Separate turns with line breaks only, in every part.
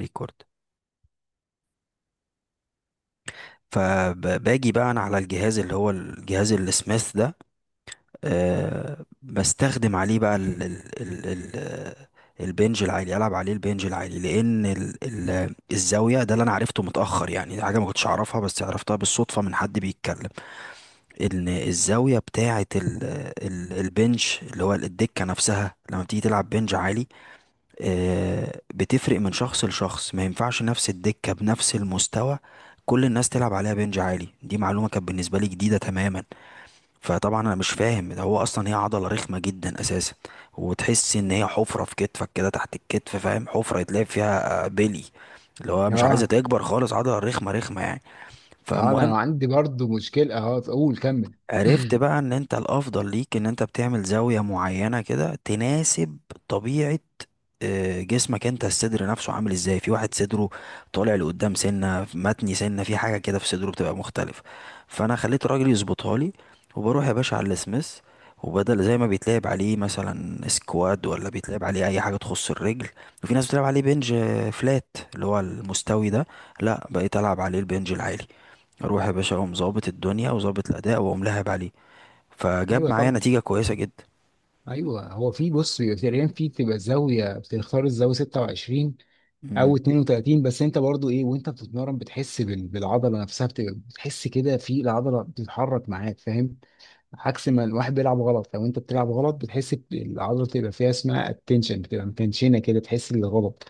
ريكورد. فباجي بقى انا على الجهاز اللي هو الجهاز السميث ده. بستخدم عليه بقى ال ال ال ال البنج العالي. العب عليه البنج العالي لان ال ال الزاويه ده اللي انا عرفته متاخر، يعني دي حاجه ما كنتش اعرفها بس عرفتها بالصدفه من حد بيتكلم ان الزاويه بتاعه ال ال البنج اللي هو الدكه نفسها لما بتيجي تلعب بنج عالي بتفرق من شخص لشخص، ما ينفعش نفس الدكة بنفس المستوى كل الناس تلعب عليها بنج عالي. دي معلومة كانت بالنسبة لي جديدة تماما. فطبعا انا مش فاهم ده، هو اصلا هي عضلة رخمة جدا اساسا وتحس ان هي حفرة في كتفك كده تحت الكتف، فاهم؟ حفرة يتلعب فيها بلي، اللي هو مش عايزة
اه
تكبر خالص، عضلة رخمة رخمة يعني.
اه
فالمهم
انا عندي برضو مشكله، اقول كمل.
عرفت بقى ان انت الافضل ليك ان انت بتعمل زاوية معينة كده تناسب طبيعة جسمك انت، الصدر نفسه عامل ازاي، في واحد صدره طالع لقدام سنة متني سنة، في حاجة كده في صدره بتبقى مختلف. فانا خليت الراجل يظبطها لي وبروح يا باشا على السميث، وبدل زي ما بيتلعب عليه مثلا سكواد ولا بيتلعب عليه اي حاجة تخص الرجل، وفي ناس بتلعب عليه بنج فلات اللي هو المستوي ده، لا بقيت العب عليه البنج العالي. اروح يا باشا اقوم ظابط الدنيا وظابط الاداء واقوم لاعب عليه، فجاب
ايوه
معايا
طبعا.
نتيجه كويسه جدا.
ايوه هو، في بص، تقريبا في تبقى زاويه، بتختار الزاويه 26 او
امم.
32. بس انت برضو ايه وانت بتتمرن بتحس بالعضله نفسها، بتبقى بتحس كده في العضله بتتحرك معاك، فاهم؟ عكس ما الواحد بيلعب غلط، لو انت بتلعب غلط بتحس العضله بتبقى فيها اسمها التنشن، بتبقى متنشنه كده، تحس بالغلط.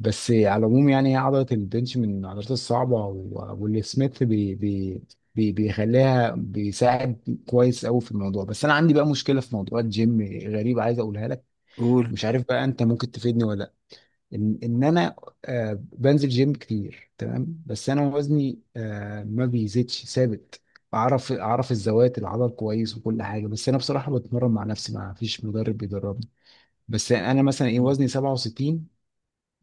بس على العموم يعني هي عضلة البنش من العضلات الصعبة، واللي سميث بي بيخليها، بيساعد كويس قوي في الموضوع. بس انا عندي بقى مشكلة في موضوع الجيم غريبة عايز اقولها لك.
قول.
مش عارف بقى انت ممكن تفيدني ولا لا. ان انا آه بنزل جيم كتير، تمام؟ بس انا وزني آه ما بيزيدش، ثابت. اعرف، اعرف الزوايا، العضل كويس وكل حاجه، بس انا بصراحه بتمرن مع نفسي، ما فيش مدرب بيدربني. بس انا مثلا ايه،
مم.
وزني 67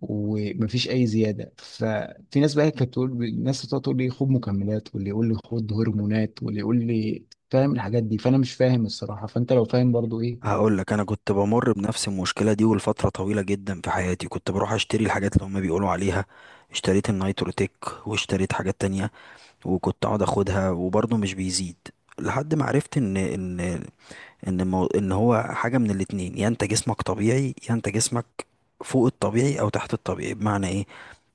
ومفيش اي زياده. ففي ناس بقى كانت تقول، الناس بتقعد تقول لي خد مكملات، واللي يقول لي خد هرمونات، واللي يقول لي، فاهم؟ الحاجات دي، فانا مش فاهم الصراحه، فانت لو فاهم برضو ايه.
هقول لك، انا كنت بمر بنفس المشكله دي ولفتره طويله جدا في حياتي، كنت بروح اشتري الحاجات اللي هما بيقولوا عليها. اشتريت النيتروتيك واشتريت حاجات تانية وكنت اقعد اخدها وبرضه مش بيزيد. لحد ما عرفت ان هو حاجه من الاتنين، يا انت جسمك طبيعي يا انت جسمك فوق الطبيعي او تحت الطبيعي. بمعنى ايه؟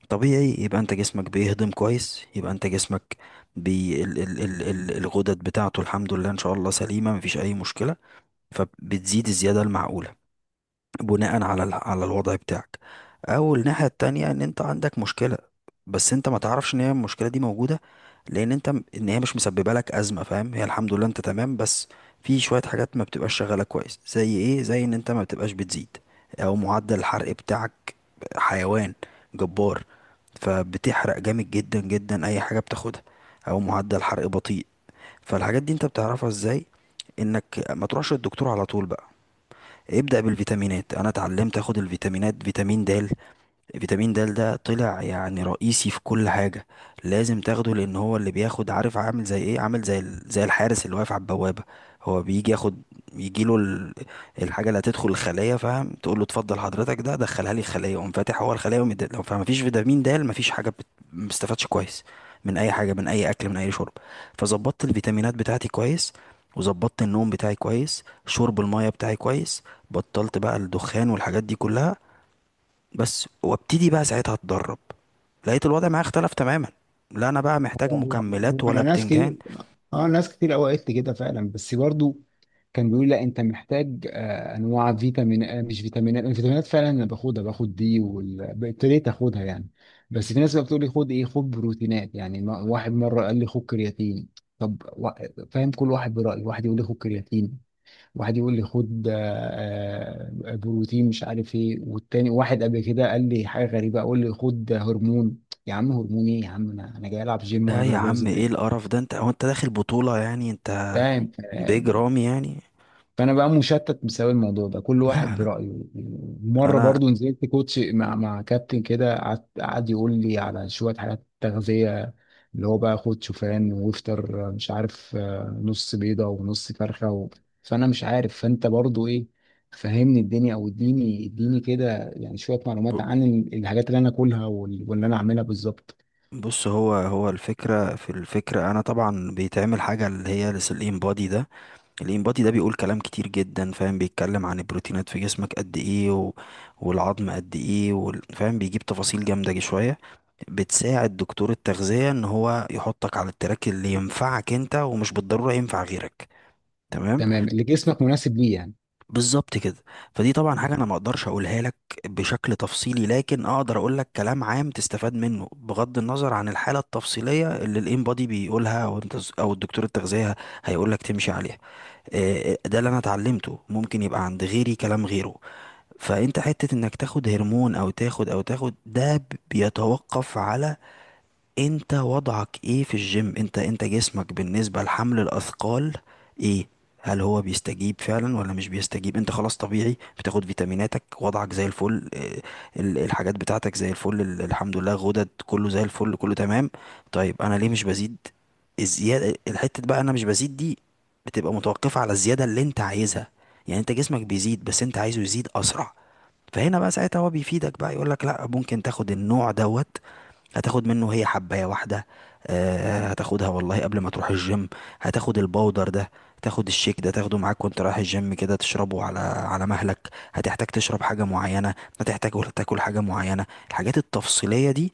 طبيعي يبقى انت جسمك بيهضم كويس، يبقى انت جسمك بي ال ال ال ال الغدد بتاعته الحمد لله ان شاء الله سليمه، مفيش اي مشكله، فبتزيد الزياده المعقوله بناء على على الوضع بتاعك. او الناحيه التانية ان انت عندك مشكله بس انت ما تعرفش ان هي المشكله دي موجوده، لان انت ان هي مش مسببه لك ازمه، فاهم؟ هي الحمد لله انت تمام، بس في شويه حاجات ما بتبقاش شغاله كويس. زي ايه؟ زي ان انت ما بتبقاش بتزيد، او معدل الحرق بتاعك حيوان جبار فبتحرق جامد جدا جدا اي حاجه بتاخدها، او معدل حرق بطيء. فالحاجات دي انت بتعرفها ازاي؟ انك ما تروحش للدكتور على طول بقى، ابدأ بالفيتامينات. انا اتعلمت اخد الفيتامينات، فيتامين د. فيتامين د ده طلع يعني رئيسي في كل حاجة، لازم تاخده، لأن هو اللي بياخد، عارف عامل زي ايه؟ عامل زي زي الحارس اللي واقف على البوابة، هو بيجي ياخد، يجيله الحاجة اللي هتدخل الخلية، فاهم؟ تقول له اتفضل حضرتك ده دخلها لي الخلية، يقوم فاتح هو الخلية لو فما فيش فيتامين د، ما فيش حاجة ما بستفادش كويس من أي حاجة، من أي أكل، من أي شرب. فظبطت الفيتامينات بتاعتي كويس، وظبطت النوم بتاعي كويس، شرب المية بتاعي كويس، بطلت بقى الدخان والحاجات دي كلها بس، وابتدي بقى ساعتها اتدرب، لقيت الوضع معايا اختلف تماما، لا انا بقى محتاج
هو-
مكملات
هو
ولا
انا، ناس
بتنجان.
كتير، اه ناس كتير قوي قالت لي كده فعلا، بس برضو كان بيقول لا انت محتاج انواع فيتامين، مش فيتامينات. الفيتامينات فعلا انا باخدها، باخد دي وابتديت اخدها يعني. بس في ناس بقى بتقول لي خد ايه، خد بروتينات يعني. واحد مره قال لي خد كرياتين. طب فاهم، كل واحد برايه. واحد يقول لي خد كرياتين، واحد يقول لي خد بروتين مش عارف ايه، والتاني واحد قبل كده قال لي حاجه غريبه، اقول لي خد هرمون. يا عم هرمون ايه يا عم، انا جاي العب جيم
لا
ولا جاي
يا
ابوظ
عم، ايه
الدنيا؟
القرف ده؟ انت هو انت داخل بطولة يعني؟ انت
فاهم؟
بيج رامي يعني؟
فانا بقى مشتت بسبب الموضوع ده، كل واحد
لا لا،
برأيه. مره
انا
برضو نزلت كوتش مع كابتن كده، قعد يقول لي على شويه حاجات تغذيه، اللي هو بقى خد شوفان، وافطر مش عارف، نص بيضه ونص فرخه و... فانا مش عارف، فانت برضو ايه، فهمني الدنيا او اديني كده يعني شويه
ب-
معلومات عن الحاجات اللي انا اكلها واللي انا اعملها بالظبط.
بص، هو هو الفكرة، في الفكرة انا طبعا بيتعمل حاجة اللي هي الانبادي ده. الانبادي ده بيقول كلام كتير جدا، فاهم؟ بيتكلم عن البروتينات في جسمك قد ايه والعظم قد ايه فاهم؟ بيجيب تفاصيل جامدة جي شوية بتساعد دكتور التغذية ان هو يحطك على التراك اللي ينفعك انت ومش بالضرورة ينفع غيرك. تمام؟
تمام، اللي جسمك مناسب ليه يعني.
بالظبط كده. فدي طبعا حاجة انا ما اقدرش اقولها لك بشكل تفصيلي، لكن اقدر اقول لك كلام عام تستفاد منه بغض النظر عن الحالة التفصيلية اللي الانبادي بيقولها او انت او الدكتور التغذية هيقول لك تمشي عليها. ده اللي انا اتعلمته، ممكن يبقى عند غيري كلام غيره. فانت حتة انك تاخد هرمون او تاخد ده، بيتوقف على انت وضعك ايه في الجيم، انت جسمك بالنسبة لحمل الاثقال ايه، هل هو بيستجيب فعلا ولا مش بيستجيب؟ انت خلاص طبيعي، بتاخد فيتاميناتك، وضعك زي الفل، الحاجات بتاعتك زي الفل، الحمد لله غدد كله زي الفل، كله تمام. طيب انا ليه مش بزيد؟ الزيادة، الحتة بقى انا مش بزيد دي، بتبقى متوقفة على الزيادة اللي انت عايزها. يعني انت جسمك بيزيد بس انت عايزه يزيد اسرع، فهنا بقى ساعتها هو بيفيدك بقى، يقولك لا ممكن تاخد النوع دوت، هتاخد منه هي حباية واحدة، هتاخدها والله قبل ما تروح الجيم، هتاخد الباودر ده، تاخد الشيك ده، تاخده معاك وانت رايح الجيم كده تشربه على مهلك، هتحتاج تشرب حاجة معينة، هتحتاج تاكل حاجة معينة. الحاجات التفصيلية دي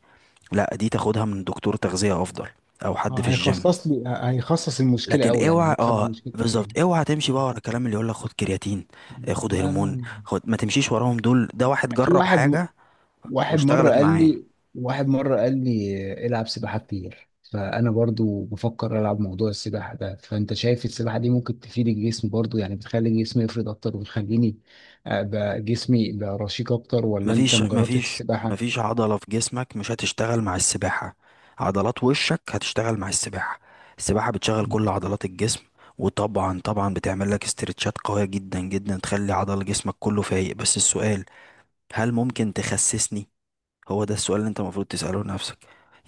لا، دي تاخدها من دكتور تغذية افضل، او حد
آه،
في الجيم.
هيخصص لي هيخصص المشكله
لكن
قوي يعني،
اوعى،
هيفهم
اه
المشكله فين.
بالظبط، اوعى تمشي بقى ورا الكلام اللي يقول لك خد كرياتين، خد
لا
هرمون،
لا.
خد. ما تمشيش وراهم دول، ده واحد
في
جرب
واحد م...
حاجة
واحد مرة
واشتغلت
قال
معاه.
لي واحد مرة قال لي العب سباحة كتير، فأنا برضو بفكر ألعب موضوع السباحة ده. فأنت شايف السباحة دي ممكن تفيد الجسم برضو يعني، بتخلي جسمي يفرد أكتر وتخليني جسمي يبقى رشيق أكتر؟ ولا أنت
مفيش
ما جربتش
مفيش
السباحة؟
مفيش عضلة في جسمك مش هتشتغل مع السباحة، عضلات وشك هتشتغل مع السباحة. السباحة بتشغل
مم.
كل عضلات الجسم، وطبعا طبعا بتعمل لك استرتشات قوية جدا جدا تخلي عضل جسمك كله فايق. بس السؤال، هل ممكن تخسسني؟ هو ده السؤال اللي انت المفروض تسأله لنفسك.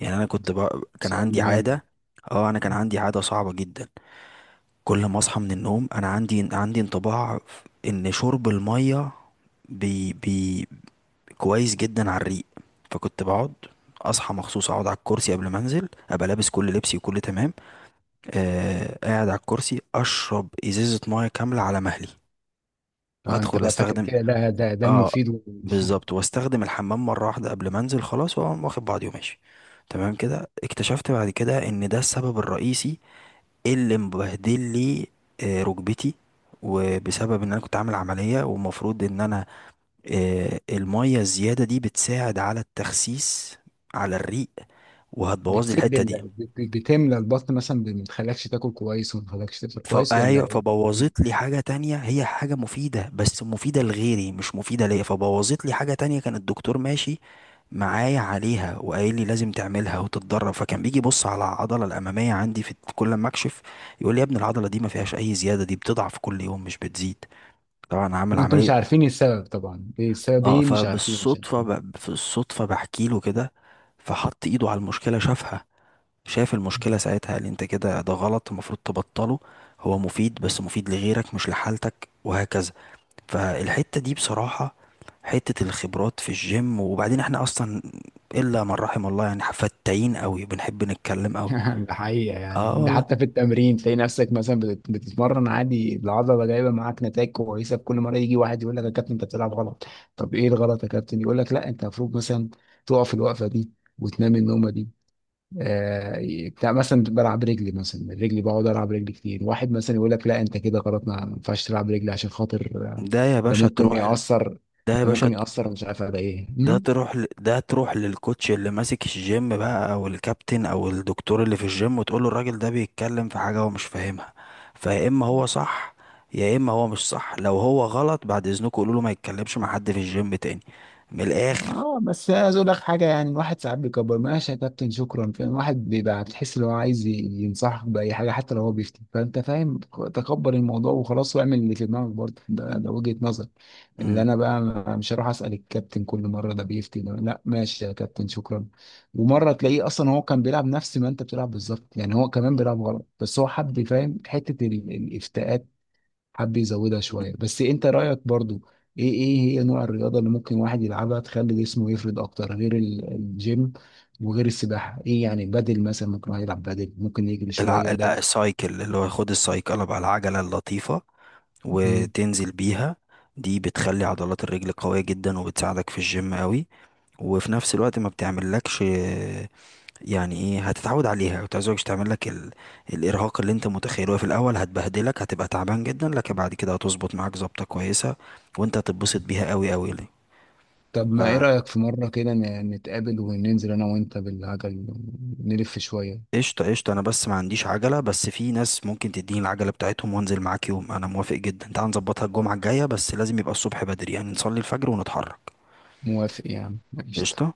يعني انا كنت بقى كان
سؤال
عندي
مهم.
عادة، اه انا كان عندي عادة صعبة جدا، كل ما اصحى من النوم انا عندي انطباع ان شرب المية بي بي كويس جدا على الريق. فكنت بقعد، اصحى مخصوص اقعد على الكرسي قبل ما انزل، ابقى لابس كل لبسي وكل تمام، قاعد على الكرسي اشرب ازازه ميه كامله على مهلي،
اه انت
وادخل
بقى فاكر
استخدم،
كده، ده
اه
المفيد و...
بالظبط، واستخدم الحمام مره واحده قبل ما انزل، خلاص واقوم واخد بعضي وماشي. تمام كده اكتشفت بعد كده ان ده السبب الرئيسي اللي مبهدل لي ركبتي، وبسبب ان انا كنت عامل عمليه ومفروض ان انا، المية الزيادة دي بتساعد على التخسيس على الريق وهتبوظ لي
بتسد
الحتة دي.
بتملى البطن مثلا، ما بتخليكش تاكل كويس وما بتخليكش تفطر كويس،
فأيوة،
ولا؟
فبوظت لي حاجة تانية، هي حاجة مفيدة بس مفيدة لغيري مش مفيدة ليا، فبوظت لي حاجة تانية كان الدكتور ماشي معايا عليها وقايل لي لازم تعملها وتتدرب. فكان بيجي يبص على العضلة الأمامية عندي في كل ما أكشف، يقول لي يا ابني العضلة دي ما فيهاش أي زيادة، دي بتضعف كل يوم مش بتزيد، طبعا عامل
وانتم مش
عملية.
عارفين السبب طبعا، ايه السبب،
اه،
ايه، مش عارفين، مش
فبالصدفة
عارفين
في الصدفة بحكي له كده، فحط ايده على المشكلة، شافها، شاف المشكلة، ساعتها قال لي انت كده ده غلط، المفروض تبطله، هو مفيد بس مفيد لغيرك مش لحالتك وهكذا. فالحتة دي بصراحة، حتة الخبرات في الجيم، وبعدين احنا اصلا الا من رحم الله، يعني فتاين قوي، بنحب نتكلم قوي.
ده حقيقة
اه
يعني. ده
والله.
حتى في التمرين تلاقي نفسك مثلا بتتمرن عادي، العضلة جايبة معاك نتائج كويسة، كل مرة يجي واحد يقول لك يا كابتن انت بتلعب غلط. طب ايه الغلط يا كابتن؟ يقول لك لا انت المفروض مثلا تقف الوقفة دي وتنام النومة دي. آه بتاع مثلا، بلعب رجلي، مثلا رجلي بقعد العب رجلي كتير، واحد مثلا يقول لك لا انت كده غلط، ما ينفعش تلعب رجلي عشان خاطر آه،
ده يا
ده
باشا
ممكن
تروح
يأثر،
ده يا
ده
باشا
ممكن يأثر مش عارف على ايه.
ده تروح ل... ده تروح للكوتش اللي ماسك الجيم بقى، او الكابتن، او الدكتور اللي في الجيم، وتقول له الراجل ده بيتكلم في حاجة هو مش فاهمها، فيا اما هو صح يا اما هو مش صح. لو هو غلط، بعد اذنكم قولوا له ما يتكلمش مع حد في الجيم تاني، من الاخر.
اه بس عايز اقول لك حاجه يعني، الواحد ساعات بيكبر، ماشي يا كابتن شكرا، فاهم؟ الواحد بيبقى بتحس ان هو عايز ينصحك باي حاجه حتى لو هو بيفتي، فانت فاهم تكبر الموضوع وخلاص، واعمل اللي في دماغك برضه. ده، ده وجهه نظر. اللي
امم.
انا بقى، مش هروح اسال الكابتن كل مره، ده بيفتي ده، لا ماشي يا كابتن شكرا. ومره تلاقيه اصلا هو كان بيلعب نفس ما انت بتلعب بالظبط يعني، هو كمان بيلعب غلط، بس هو حب فاهم حته الافتاءات، حب يزودها شويه. بس انت رايك برضو ايه، ايه هي نوع الرياضه اللي ممكن واحد يلعبها تخلي جسمه يفرد اكتر غير الجيم وغير السباحه؟ ايه يعني، بدل مثلا ممكن واحد يلعب، بدل ممكن يجري شويه ده.
السايكل، اللي هو خد السايكل بقى، العجلة اللطيفة،
مم.
وتنزل بيها، دي بتخلي عضلات الرجل قوية جدا وبتساعدك في الجيم قوي، وفي نفس الوقت ما بتعملكش، يعني ايه، هتتعود عليها وتعوزك تعمل لك الارهاق اللي انت متخيله في الاول، هتبهدلك، هتبقى تعبان جدا، لكن بعد كده هتظبط معاك ظبطه كويسه وانت هتتبسط بيها قوي قوي. ليه؟
طب ما ايه رايك في مره كده نتقابل وننزل انا وانت بالعجل، نلف شويه؟
فقشطه قشطه، انا بس ما عنديش عجله، بس في ناس ممكن تديني العجله بتاعتهم وانزل معاك يوم، انا موافق جدا، تعال نظبطها الجمعه الجايه، بس لازم يبقى الصبح بدري، يعني نصلي الفجر ونتحرك.
موافق يعني، ماشي.
قشطه.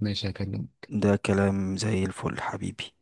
ماشي هكلمك.
ده كلام زي الفل حبيبي.